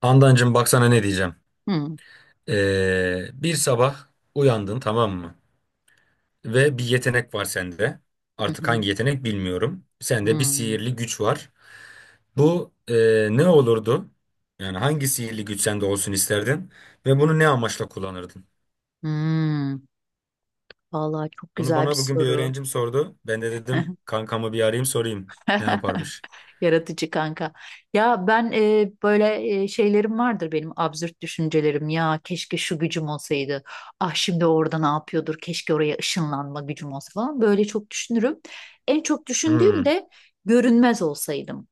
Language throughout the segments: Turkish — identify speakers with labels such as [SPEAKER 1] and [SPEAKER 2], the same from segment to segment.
[SPEAKER 1] Handancığım baksana ne diyeceğim.
[SPEAKER 2] Hmm,
[SPEAKER 1] Bir sabah uyandın, tamam mı? Ve bir yetenek var sende.
[SPEAKER 2] hı
[SPEAKER 1] Artık
[SPEAKER 2] hı,
[SPEAKER 1] hangi yetenek bilmiyorum. Sende bir
[SPEAKER 2] hmm,
[SPEAKER 1] sihirli güç var. Bu ne olurdu? Yani hangi sihirli güç sende olsun isterdin? Ve bunu ne amaçla kullanırdın?
[SPEAKER 2] hmm. Vallahi çok
[SPEAKER 1] Bunu
[SPEAKER 2] güzel bir
[SPEAKER 1] bana bugün bir
[SPEAKER 2] soru.
[SPEAKER 1] öğrencim sordu. Ben de dedim kankamı bir arayayım sorayım. Ne yaparmış?
[SPEAKER 2] Yaratıcı kanka. Ya ben böyle şeylerim vardır benim absürt düşüncelerim. Ya keşke şu gücüm olsaydı. Ah şimdi orada ne yapıyordur? Keşke oraya ışınlanma gücüm olsa falan. Böyle çok düşünürüm. En çok düşündüğüm
[SPEAKER 1] Hmm.
[SPEAKER 2] de görünmez olsaydım.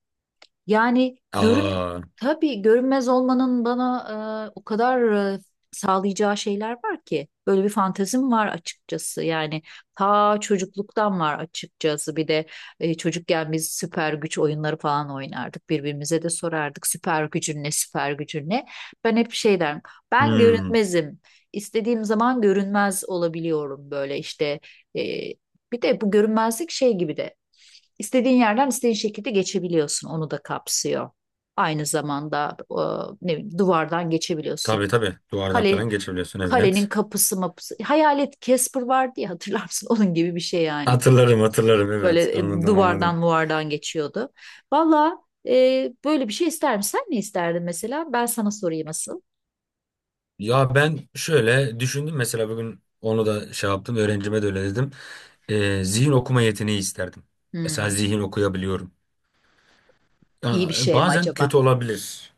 [SPEAKER 2] Yani
[SPEAKER 1] Aa.
[SPEAKER 2] tabii görünmez olmanın bana o kadar e, sağlayacağı şeyler var ki. Böyle bir fantezim var açıkçası. Yani ta çocukluktan var açıkçası. Bir de çocukken biz süper güç oyunları falan oynardık. Birbirimize de sorardık süper gücün ne, süper gücün ne. Ben hep şey derim. Ben
[SPEAKER 1] Hmm.
[SPEAKER 2] görünmezim. İstediğim zaman görünmez olabiliyorum böyle işte. E, Bir de bu görünmezlik şey gibi de. İstediğin yerden istediğin şekilde geçebiliyorsun. Onu da kapsıyor. Aynı zamanda ne bileyim, duvardan geçebiliyorsun.
[SPEAKER 1] Tabii tabii, duvardan
[SPEAKER 2] Kale,
[SPEAKER 1] falan geçebiliyorsun,
[SPEAKER 2] Kalenin
[SPEAKER 1] evet.
[SPEAKER 2] kapısı mapısı. Hayalet Casper vardı ya hatırlar mısın? Onun gibi bir şey yani.
[SPEAKER 1] Hatırlarım hatırlarım, evet.
[SPEAKER 2] Böyle
[SPEAKER 1] Anladım
[SPEAKER 2] duvardan
[SPEAKER 1] anladım.
[SPEAKER 2] muvardan geçiyordu. Valla böyle bir şey ister misin? Sen ne isterdin mesela? Ben sana sorayım asıl.
[SPEAKER 1] Ya ben şöyle düşündüm, mesela bugün onu da şey yaptım, öğrencime de öyle dedim. Zihin okuma yeteneği isterdim. Mesela
[SPEAKER 2] Hmm,
[SPEAKER 1] zihin okuyabiliyorum.
[SPEAKER 2] iyi bir
[SPEAKER 1] Yani
[SPEAKER 2] şey mi
[SPEAKER 1] bazen
[SPEAKER 2] acaba?
[SPEAKER 1] kötü olabilir.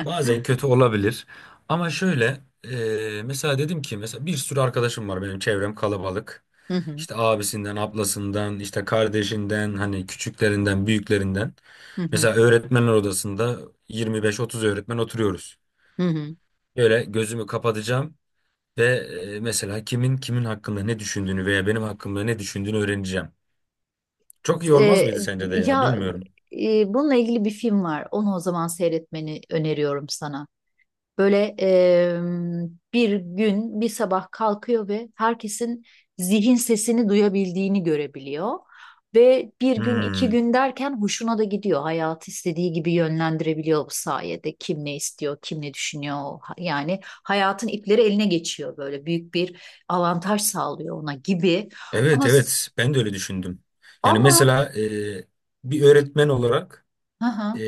[SPEAKER 1] Bazen kötü olabilir. Ama şöyle mesela dedim ki mesela bir sürü arkadaşım var, benim çevrem kalabalık.
[SPEAKER 2] Hı hı,
[SPEAKER 1] İşte abisinden, ablasından, işte kardeşinden, hani küçüklerinden, büyüklerinden.
[SPEAKER 2] hı hı,
[SPEAKER 1] Mesela öğretmenler odasında 25-30 öğretmen oturuyoruz.
[SPEAKER 2] hı hı.
[SPEAKER 1] Böyle gözümü kapatacağım. Ve mesela kimin kimin hakkında ne düşündüğünü veya benim hakkımda ne düşündüğünü öğreneceğim. Çok iyi olmaz
[SPEAKER 2] E,
[SPEAKER 1] mıydı sence de ya,
[SPEAKER 2] ya
[SPEAKER 1] bilmiyorum.
[SPEAKER 2] Bununla ilgili bir film var. Onu o zaman seyretmeni öneriyorum sana. Böyle bir gün bir sabah kalkıyor ve herkesin zihin sesini duyabildiğini görebiliyor. Ve bir gün iki
[SPEAKER 1] Hmm.
[SPEAKER 2] gün derken hoşuna da gidiyor. Hayatı istediği gibi yönlendirebiliyor bu sayede. Kim ne istiyor, kim ne düşünüyor. Yani hayatın ipleri eline geçiyor böyle büyük bir avantaj sağlıyor ona gibi.
[SPEAKER 1] Evet
[SPEAKER 2] Ama
[SPEAKER 1] evet, ben de öyle düşündüm. Yani
[SPEAKER 2] ama
[SPEAKER 1] mesela bir öğretmen olarak
[SPEAKER 2] Hı
[SPEAKER 1] Ee,
[SPEAKER 2] hı,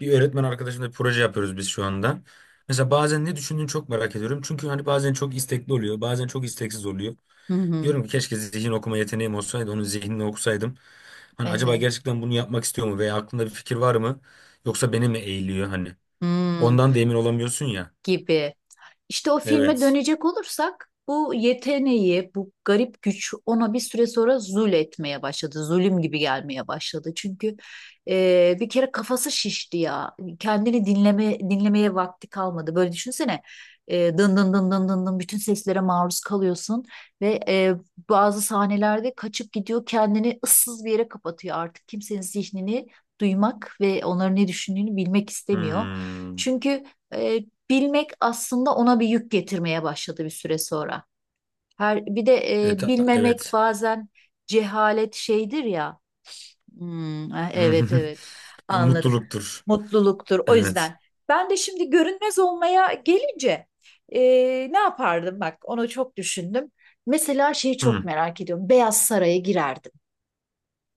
[SPEAKER 1] bir öğretmen arkadaşımla bir proje yapıyoruz biz şu anda. Mesela bazen ne düşündüğünü çok merak ediyorum. Çünkü hani bazen çok istekli oluyor, bazen çok isteksiz oluyor.
[SPEAKER 2] hı hı,
[SPEAKER 1] Diyorum ki keşke zihin okuma yeteneğim olsaydı, onun zihnini okusaydım. Hani acaba
[SPEAKER 2] evet.
[SPEAKER 1] gerçekten bunu yapmak istiyor mu veya aklında bir fikir var mı? Yoksa beni mi eğiliyor hani?
[SPEAKER 2] Hmm,
[SPEAKER 1] Ondan da emin olamıyorsun ya.
[SPEAKER 2] gibi. İşte o filme
[SPEAKER 1] Evet.
[SPEAKER 2] dönecek olursak bu yeteneği, bu garip güç ona bir süre sonra zul etmeye başladı. Zulüm gibi gelmeye başladı. Çünkü bir kere kafası şişti ya. Kendini dinlemeye vakti kalmadı. Böyle düşünsene. Dın dın dın dın dın dın bütün seslere maruz kalıyorsun ve bazı sahnelerde kaçıp gidiyor kendini ıssız bir yere kapatıyor artık kimsenin zihnini duymak ve onların ne düşündüğünü bilmek istemiyor.
[SPEAKER 1] Hmm.
[SPEAKER 2] Çünkü e, bilmek aslında ona bir yük getirmeye başladı bir süre sonra. Her bir de bilmemek
[SPEAKER 1] Evet.
[SPEAKER 2] bazen cehalet şeydir ya. Hmm, evet evet anladım.
[SPEAKER 1] Mutluluktur.
[SPEAKER 2] Mutluluktur. O
[SPEAKER 1] Evet.
[SPEAKER 2] yüzden ben de şimdi görünmez olmaya gelince e, ne yapardım bak onu çok düşündüm. Mesela şeyi çok
[SPEAKER 1] Hmm.
[SPEAKER 2] merak ediyorum. Beyaz Saray'a girerdim.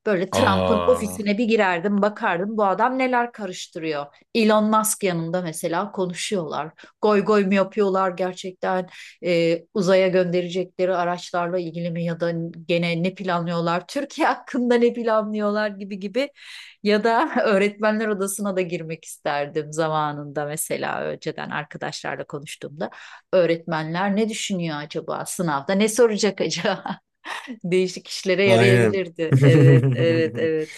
[SPEAKER 2] Böyle Trump'ın
[SPEAKER 1] Aa.
[SPEAKER 2] ofisine bir girerdim, bakardım bu adam neler karıştırıyor. Elon Musk yanında mesela konuşuyorlar. Goy goy mu yapıyorlar gerçekten uzaya gönderecekleri araçlarla ilgili mi ya da gene ne planlıyorlar? Türkiye hakkında ne planlıyorlar gibi gibi. Ya da öğretmenler odasına da girmek isterdim zamanında mesela önceden arkadaşlarla konuştuğumda. Öğretmenler ne düşünüyor acaba sınavda ne soracak acaba? Değişik işlere
[SPEAKER 1] Aynen.
[SPEAKER 2] yarayabilirdi. Evet, evet, evet.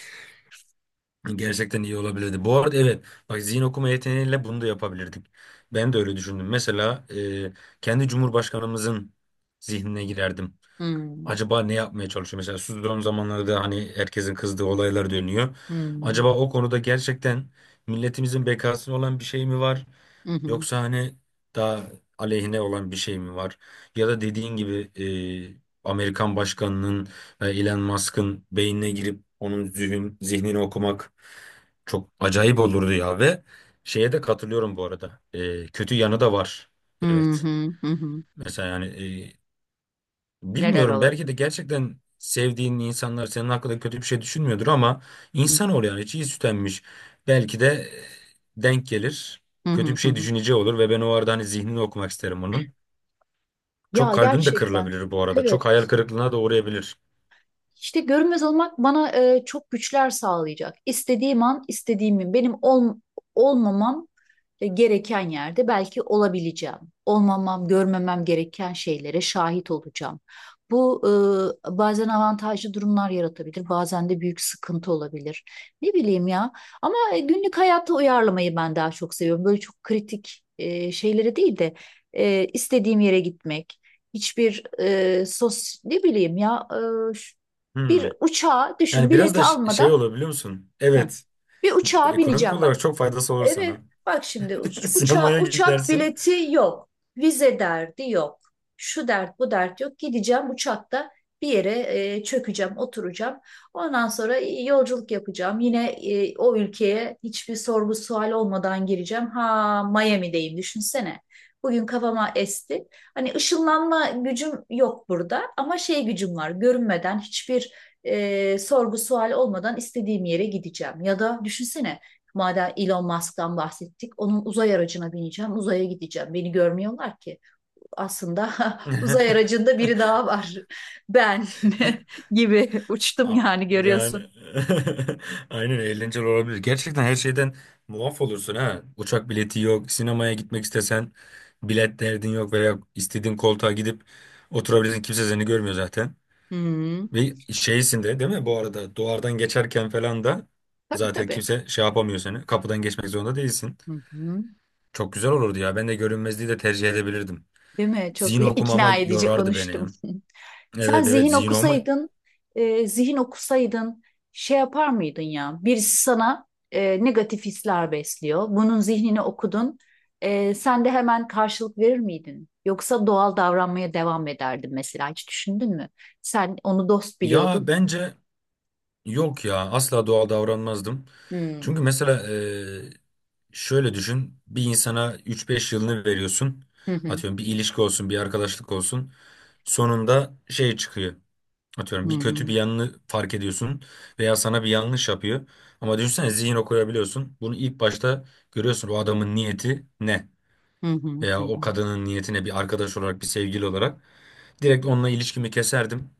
[SPEAKER 1] Gerçekten iyi olabilirdi. Bu arada evet bak, zihin okuma yeteneğiyle bunu da yapabilirdik. Ben de öyle düşündüm. Mesela kendi Cumhurbaşkanımızın zihnine girerdim.
[SPEAKER 2] Hmm,
[SPEAKER 1] Acaba ne yapmaya çalışıyor? Mesela son zamanlarda hani herkesin kızdığı olaylar dönüyor.
[SPEAKER 2] hmm,
[SPEAKER 1] Acaba o konuda gerçekten milletimizin bekasına olan bir şey mi var?
[SPEAKER 2] hı hı,
[SPEAKER 1] Yoksa hani daha aleyhine olan bir şey mi var? Ya da dediğin gibi Amerikan başkanının ve Elon Musk'ın beynine girip onun zihnini okumak çok acayip olurdu ya. Ve şeye de katılıyorum bu arada. E, kötü yanı da var.
[SPEAKER 2] hı
[SPEAKER 1] Evet.
[SPEAKER 2] hı, hı hı.
[SPEAKER 1] Mesela yani e,
[SPEAKER 2] Neler
[SPEAKER 1] bilmiyorum, belki
[SPEAKER 2] olabilir?
[SPEAKER 1] de gerçekten sevdiğin insanlar senin hakkında kötü bir şey düşünmüyordur ama
[SPEAKER 2] Hı
[SPEAKER 1] insanoğlu yani çiğ süt. Belki de denk gelir.
[SPEAKER 2] hı,
[SPEAKER 1] Kötü bir
[SPEAKER 2] hı
[SPEAKER 1] şey
[SPEAKER 2] hı.
[SPEAKER 1] düşüneceği olur ve ben o arada hani zihnini okumak isterim onun. Çok
[SPEAKER 2] Ya
[SPEAKER 1] kalbim de
[SPEAKER 2] gerçekten.
[SPEAKER 1] kırılabilir bu arada.
[SPEAKER 2] Evet.
[SPEAKER 1] Çok hayal kırıklığına da uğrayabilir.
[SPEAKER 2] İşte görünmez olmak bana çok güçler sağlayacak. İstediğim an, istediğimi, olmamam gereken yerde belki olabileceğim. Olmamam, görmemem gereken şeylere şahit olacağım. Bu bazen avantajlı durumlar yaratabilir, bazen de büyük sıkıntı olabilir. Ne bileyim ya. Ama günlük hayata uyarlamayı ben daha çok seviyorum. Böyle çok kritik şeylere değil de istediğim yere gitmek. Hiçbir sos ne bileyim ya e, bir
[SPEAKER 1] Hmm.
[SPEAKER 2] uçağa düşün
[SPEAKER 1] Yani biraz
[SPEAKER 2] bileti
[SPEAKER 1] da şey
[SPEAKER 2] almadan
[SPEAKER 1] olur biliyor musun?
[SPEAKER 2] heh,
[SPEAKER 1] Evet.
[SPEAKER 2] bir uçağa
[SPEAKER 1] Ekonomik
[SPEAKER 2] bineceğim
[SPEAKER 1] olarak
[SPEAKER 2] bak.
[SPEAKER 1] çok faydası olur
[SPEAKER 2] Evet,
[SPEAKER 1] sana.
[SPEAKER 2] bak şimdi
[SPEAKER 1] Sinemaya
[SPEAKER 2] uçak
[SPEAKER 1] gidersin.
[SPEAKER 2] bileti yok, vize derdi yok, şu dert bu dert yok. Gideceğim uçakta bir yere çökeceğim, oturacağım. Ondan sonra yolculuk yapacağım. Yine o ülkeye hiçbir sorgu sual olmadan gireceğim. Ha, Miami'deyim düşünsene. Bugün kafama esti. Hani ışınlanma gücüm yok burada ama şey gücüm var. Görünmeden hiçbir sorgu sual olmadan istediğim yere gideceğim. Ya da düşünsene. Madem Elon Musk'tan bahsettik, onun uzay aracına bineceğim, uzaya gideceğim. Beni görmüyorlar ki. Aslında uzay aracında biri daha var. Ben gibi uçtum
[SPEAKER 1] A-
[SPEAKER 2] yani
[SPEAKER 1] Yani
[SPEAKER 2] görüyorsun.
[SPEAKER 1] aynen, eğlenceli olabilir. Gerçekten her şeyden muaf olursun ha. Uçak bileti yok, sinemaya gitmek istesen bilet derdin yok veya istediğin koltuğa gidip oturabilirsin. Kimse seni görmüyor zaten.
[SPEAKER 2] Hı,
[SPEAKER 1] Ve şeysin de değil mi? Bu arada duvardan geçerken falan da
[SPEAKER 2] tabii
[SPEAKER 1] zaten
[SPEAKER 2] tabii.
[SPEAKER 1] kimse şey yapamıyor seni. Kapıdan geçmek zorunda değilsin.
[SPEAKER 2] Hı hı.
[SPEAKER 1] Çok güzel olurdu ya. Ben de görünmezliği de tercih edebilirdim.
[SPEAKER 2] Değil mi?
[SPEAKER 1] Zihin
[SPEAKER 2] Çok
[SPEAKER 1] okumama
[SPEAKER 2] ikna edici
[SPEAKER 1] yorardı beni
[SPEAKER 2] konuştum.
[SPEAKER 1] ya.
[SPEAKER 2] Sen
[SPEAKER 1] Evet evet,
[SPEAKER 2] zihin
[SPEAKER 1] zihin okuma.
[SPEAKER 2] okusaydın, e, zihin okusaydın şey yapar mıydın ya? Birisi sana negatif hisler besliyor. Bunun zihnini okudun. Sen de hemen karşılık verir miydin? Yoksa doğal davranmaya devam ederdin mesela. Hiç düşündün mü? Sen onu dost
[SPEAKER 1] Ya
[SPEAKER 2] biliyordun.
[SPEAKER 1] bence, yok ya, asla doğal davranmazdım.
[SPEAKER 2] Hmm,
[SPEAKER 1] Çünkü mesela şöyle düşün, bir insana üç beş yılını veriyorsun.
[SPEAKER 2] hı hı.
[SPEAKER 1] Atıyorum bir ilişki olsun, bir arkadaşlık olsun. Sonunda şey çıkıyor.
[SPEAKER 2] Hı
[SPEAKER 1] Atıyorum bir kötü bir
[SPEAKER 2] hı.
[SPEAKER 1] yanını fark ediyorsun veya sana bir yanlış yapıyor. Ama düşünsene zihin okuyabiliyorsun. Bunu ilk başta görüyorsun, o adamın niyeti ne?
[SPEAKER 2] Hı hı. Hı
[SPEAKER 1] Veya o
[SPEAKER 2] hı.
[SPEAKER 1] kadının niyeti ne, bir arkadaş olarak, bir sevgili olarak. Direkt onunla ilişkimi keserdim.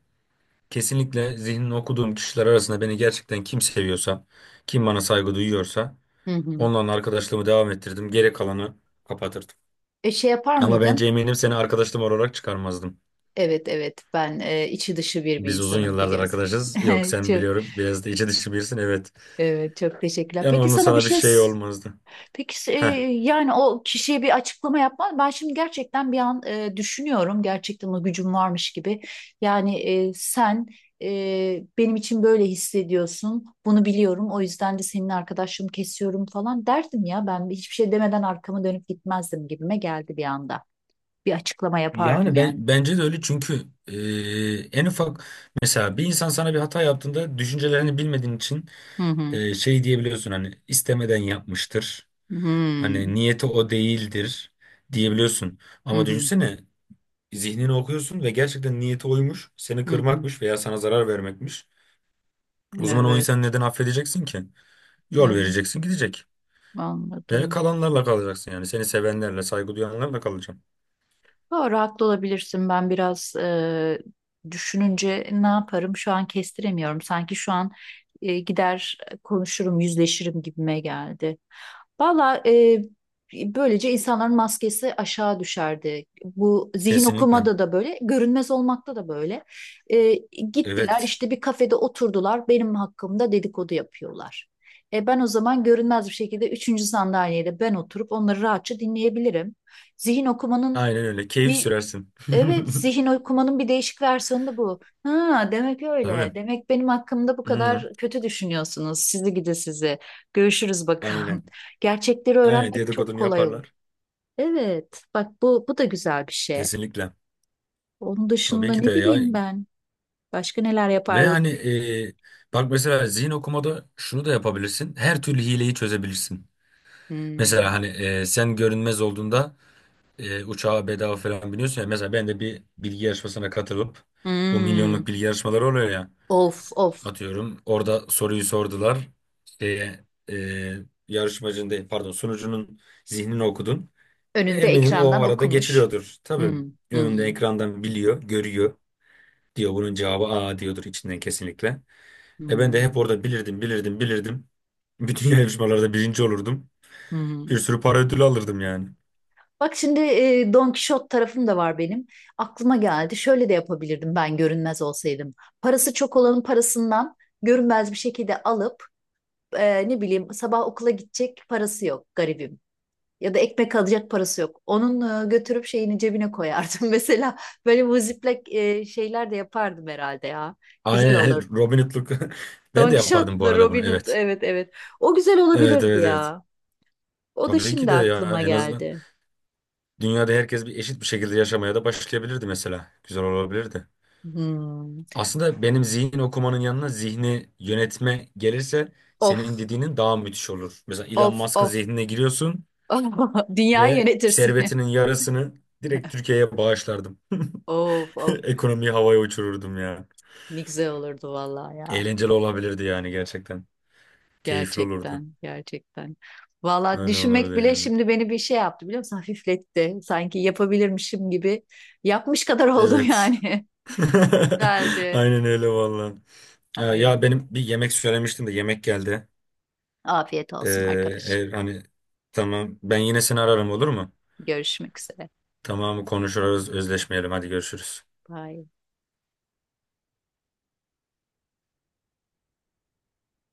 [SPEAKER 1] Kesinlikle zihnini okuduğum kişiler arasında beni gerçekten kim seviyorsa, kim bana saygı duyuyorsa
[SPEAKER 2] Hı hı.
[SPEAKER 1] onunla arkadaşlığımı devam ettirdim. Geri kalanı kapatırdım.
[SPEAKER 2] Şey yapar
[SPEAKER 1] Ama bence
[SPEAKER 2] mıydın?
[SPEAKER 1] eminim seni arkadaşım olarak çıkarmazdım.
[SPEAKER 2] Evet evet ben içi dışı bir
[SPEAKER 1] Biz uzun
[SPEAKER 2] insanım
[SPEAKER 1] yıllardır
[SPEAKER 2] biliyorsun.
[SPEAKER 1] arkadaşız. Yok sen
[SPEAKER 2] Çok,
[SPEAKER 1] biliyorum, biraz da içi dışı birisin, evet.
[SPEAKER 2] evet, çok teşekkürler.
[SPEAKER 1] Yani
[SPEAKER 2] Peki
[SPEAKER 1] onun
[SPEAKER 2] sana bir
[SPEAKER 1] sana bir
[SPEAKER 2] şey
[SPEAKER 1] şey olmazdı.
[SPEAKER 2] Peki e,
[SPEAKER 1] Heh.
[SPEAKER 2] yani o kişiye bir açıklama yapman ben şimdi gerçekten bir an düşünüyorum gerçekten o gücüm varmış gibi yani sen benim için böyle hissediyorsun bunu biliyorum o yüzden de senin arkadaşlığını kesiyorum falan derdim ya ben hiçbir şey demeden arkamı dönüp gitmezdim gibime geldi bir anda bir açıklama yapardım
[SPEAKER 1] Yani ben
[SPEAKER 2] yani.
[SPEAKER 1] bence de öyle çünkü en ufak mesela bir insan sana bir hata yaptığında düşüncelerini bilmediğin için
[SPEAKER 2] Hı hı.
[SPEAKER 1] şey diyebiliyorsun, hani istemeden yapmıştır.
[SPEAKER 2] Hı
[SPEAKER 1] Hani
[SPEAKER 2] hı.
[SPEAKER 1] niyeti o değildir diyebiliyorsun.
[SPEAKER 2] Hı
[SPEAKER 1] Ama
[SPEAKER 2] hı.
[SPEAKER 1] düşünsene zihnini okuyorsun ve gerçekten niyeti oymuş. Seni
[SPEAKER 2] Hı hı.
[SPEAKER 1] kırmakmış veya sana zarar vermekmiş. O zaman o
[SPEAKER 2] Evet.
[SPEAKER 1] insanı neden affedeceksin ki? Yol
[SPEAKER 2] Evet.
[SPEAKER 1] vereceksin, gidecek. Ve
[SPEAKER 2] Anladım.
[SPEAKER 1] kalanlarla kalacaksın yani. Seni sevenlerle, saygı duyanlarla kalacaksın.
[SPEAKER 2] Doğru, haklı olabilirsin. Ben biraz düşününce ne yaparım şu an kestiremiyorum. Sanki şu an gider konuşurum, yüzleşirim gibime geldi. Valla böylece insanların maskesi aşağı düşerdi. Bu zihin
[SPEAKER 1] Kesinlikle.
[SPEAKER 2] okumada da böyle, görünmez olmakta da böyle. E, Gittiler
[SPEAKER 1] Evet.
[SPEAKER 2] işte bir kafede oturdular, benim hakkımda dedikodu yapıyorlar. Ben o zaman görünmez bir şekilde üçüncü sandalyede ben oturup onları rahatça dinleyebilirim. Zihin okumanın
[SPEAKER 1] Aynen öyle. Keyif
[SPEAKER 2] bir
[SPEAKER 1] sürersin.
[SPEAKER 2] Evet, zihin okumanın bir değişik versiyonu da bu. Ha, demek öyle.
[SPEAKER 1] Tabii.
[SPEAKER 2] Demek benim hakkımda bu
[SPEAKER 1] Hmm,
[SPEAKER 2] kadar kötü düşünüyorsunuz. Sizi gidi sizi. Görüşürüz
[SPEAKER 1] aynen.
[SPEAKER 2] bakalım. Gerçekleri
[SPEAKER 1] Aynen
[SPEAKER 2] öğrenmek çok
[SPEAKER 1] dedikodunu
[SPEAKER 2] kolay olur.
[SPEAKER 1] yaparlar.
[SPEAKER 2] Evet, bak bu da güzel bir şey.
[SPEAKER 1] Kesinlikle.
[SPEAKER 2] Onun dışında
[SPEAKER 1] Tabii ki de
[SPEAKER 2] ne
[SPEAKER 1] ya.
[SPEAKER 2] bileyim ben. Başka neler
[SPEAKER 1] Ve
[SPEAKER 2] yapardık?
[SPEAKER 1] hani e, bak mesela zihin okumada şunu da yapabilirsin. Her türlü hileyi çözebilirsin.
[SPEAKER 2] Hmm.
[SPEAKER 1] Mesela hani sen görünmez olduğunda uçağa bedava falan biniyorsun ya. Mesela ben de bir bilgi yarışmasına katılıp bu
[SPEAKER 2] Hmm.
[SPEAKER 1] milyonluk bilgi yarışmaları oluyor ya.
[SPEAKER 2] Of of.
[SPEAKER 1] Atıyorum orada soruyu sordular. Şeye, e, yarışmacının değil, pardon, sunucunun zihnini okudun. E,
[SPEAKER 2] Önünde
[SPEAKER 1] eminim o
[SPEAKER 2] ekrandan
[SPEAKER 1] arada
[SPEAKER 2] okumuş.
[SPEAKER 1] geçiriyordur. Tabii
[SPEAKER 2] Hmm.
[SPEAKER 1] önünde
[SPEAKER 2] Hmm.
[SPEAKER 1] ekrandan biliyor, görüyor. Diyor bunun cevabı A diyordur içinden kesinlikle. E ben de
[SPEAKER 2] Hmm.
[SPEAKER 1] hep orada bilirdim, bilirdim, bilirdim. Bütün yarışmalarda birinci olurdum. Bir
[SPEAKER 2] Hmm.
[SPEAKER 1] sürü para ödülü alırdım yani.
[SPEAKER 2] Bak şimdi Don Kişot tarafım da var benim. Aklıma geldi. Şöyle de yapabilirdim ben görünmez olsaydım. Parası çok olanın parasından görünmez bir şekilde alıp ne bileyim sabah okula gidecek parası yok garibim. Ya da ekmek alacak parası yok. Onun götürüp şeyini cebine koyardım. Mesela böyle bu ziplek şeyler de yapardım herhalde ya. Güzel
[SPEAKER 1] Aynen
[SPEAKER 2] olurdu.
[SPEAKER 1] Robin Hood'luk. Ben
[SPEAKER 2] Don
[SPEAKER 1] de
[SPEAKER 2] Kişot
[SPEAKER 1] yapardım bu
[SPEAKER 2] da
[SPEAKER 1] arada bunu,
[SPEAKER 2] Robin Hood.
[SPEAKER 1] evet.
[SPEAKER 2] Evet evet. O güzel
[SPEAKER 1] Evet
[SPEAKER 2] olabilirdi
[SPEAKER 1] evet evet.
[SPEAKER 2] ya. O da
[SPEAKER 1] Tabii ki
[SPEAKER 2] şimdi
[SPEAKER 1] de ya,
[SPEAKER 2] aklıma
[SPEAKER 1] en azından
[SPEAKER 2] geldi.
[SPEAKER 1] dünyada herkes bir eşit bir şekilde yaşamaya da başlayabilirdi mesela. Güzel olabilirdi.
[SPEAKER 2] Hmm.
[SPEAKER 1] Aslında benim zihin okumanın yanına zihni yönetme gelirse senin
[SPEAKER 2] Of.
[SPEAKER 1] dediğinin daha müthiş olur. Mesela Elon
[SPEAKER 2] Of
[SPEAKER 1] Musk'ın
[SPEAKER 2] of
[SPEAKER 1] zihnine giriyorsun
[SPEAKER 2] Dünyayı
[SPEAKER 1] ve
[SPEAKER 2] yönetirsin.
[SPEAKER 1] servetinin yarısını direkt Türkiye'ye bağışlardım.
[SPEAKER 2] Of of
[SPEAKER 1] Ekonomiyi havaya uçururdum ya.
[SPEAKER 2] ne güzel olurdu vallahi ya.
[SPEAKER 1] Eğlenceli olabilirdi yani gerçekten. Keyifli olurdu.
[SPEAKER 2] Gerçekten gerçekten. Vallahi
[SPEAKER 1] Öyle
[SPEAKER 2] düşünmek
[SPEAKER 1] olurdu
[SPEAKER 2] bile
[SPEAKER 1] yani.
[SPEAKER 2] şimdi beni bir şey yaptı biliyor musun? Hafifletti. Sanki yapabilirmişim gibi. Yapmış kadar oldum
[SPEAKER 1] Evet.
[SPEAKER 2] yani. Derdi.
[SPEAKER 1] Aynen öyle valla. Ya, ya
[SPEAKER 2] Aynen.
[SPEAKER 1] benim bir yemek söylemiştim de yemek geldi.
[SPEAKER 2] Afiyet
[SPEAKER 1] Ee,
[SPEAKER 2] olsun arkadaşım.
[SPEAKER 1] hani tamam, ben yine seni ararım olur mu?
[SPEAKER 2] Görüşmek üzere.
[SPEAKER 1] Tamam konuşuruz, özleşmeyelim, hadi görüşürüz.
[SPEAKER 2] Bye.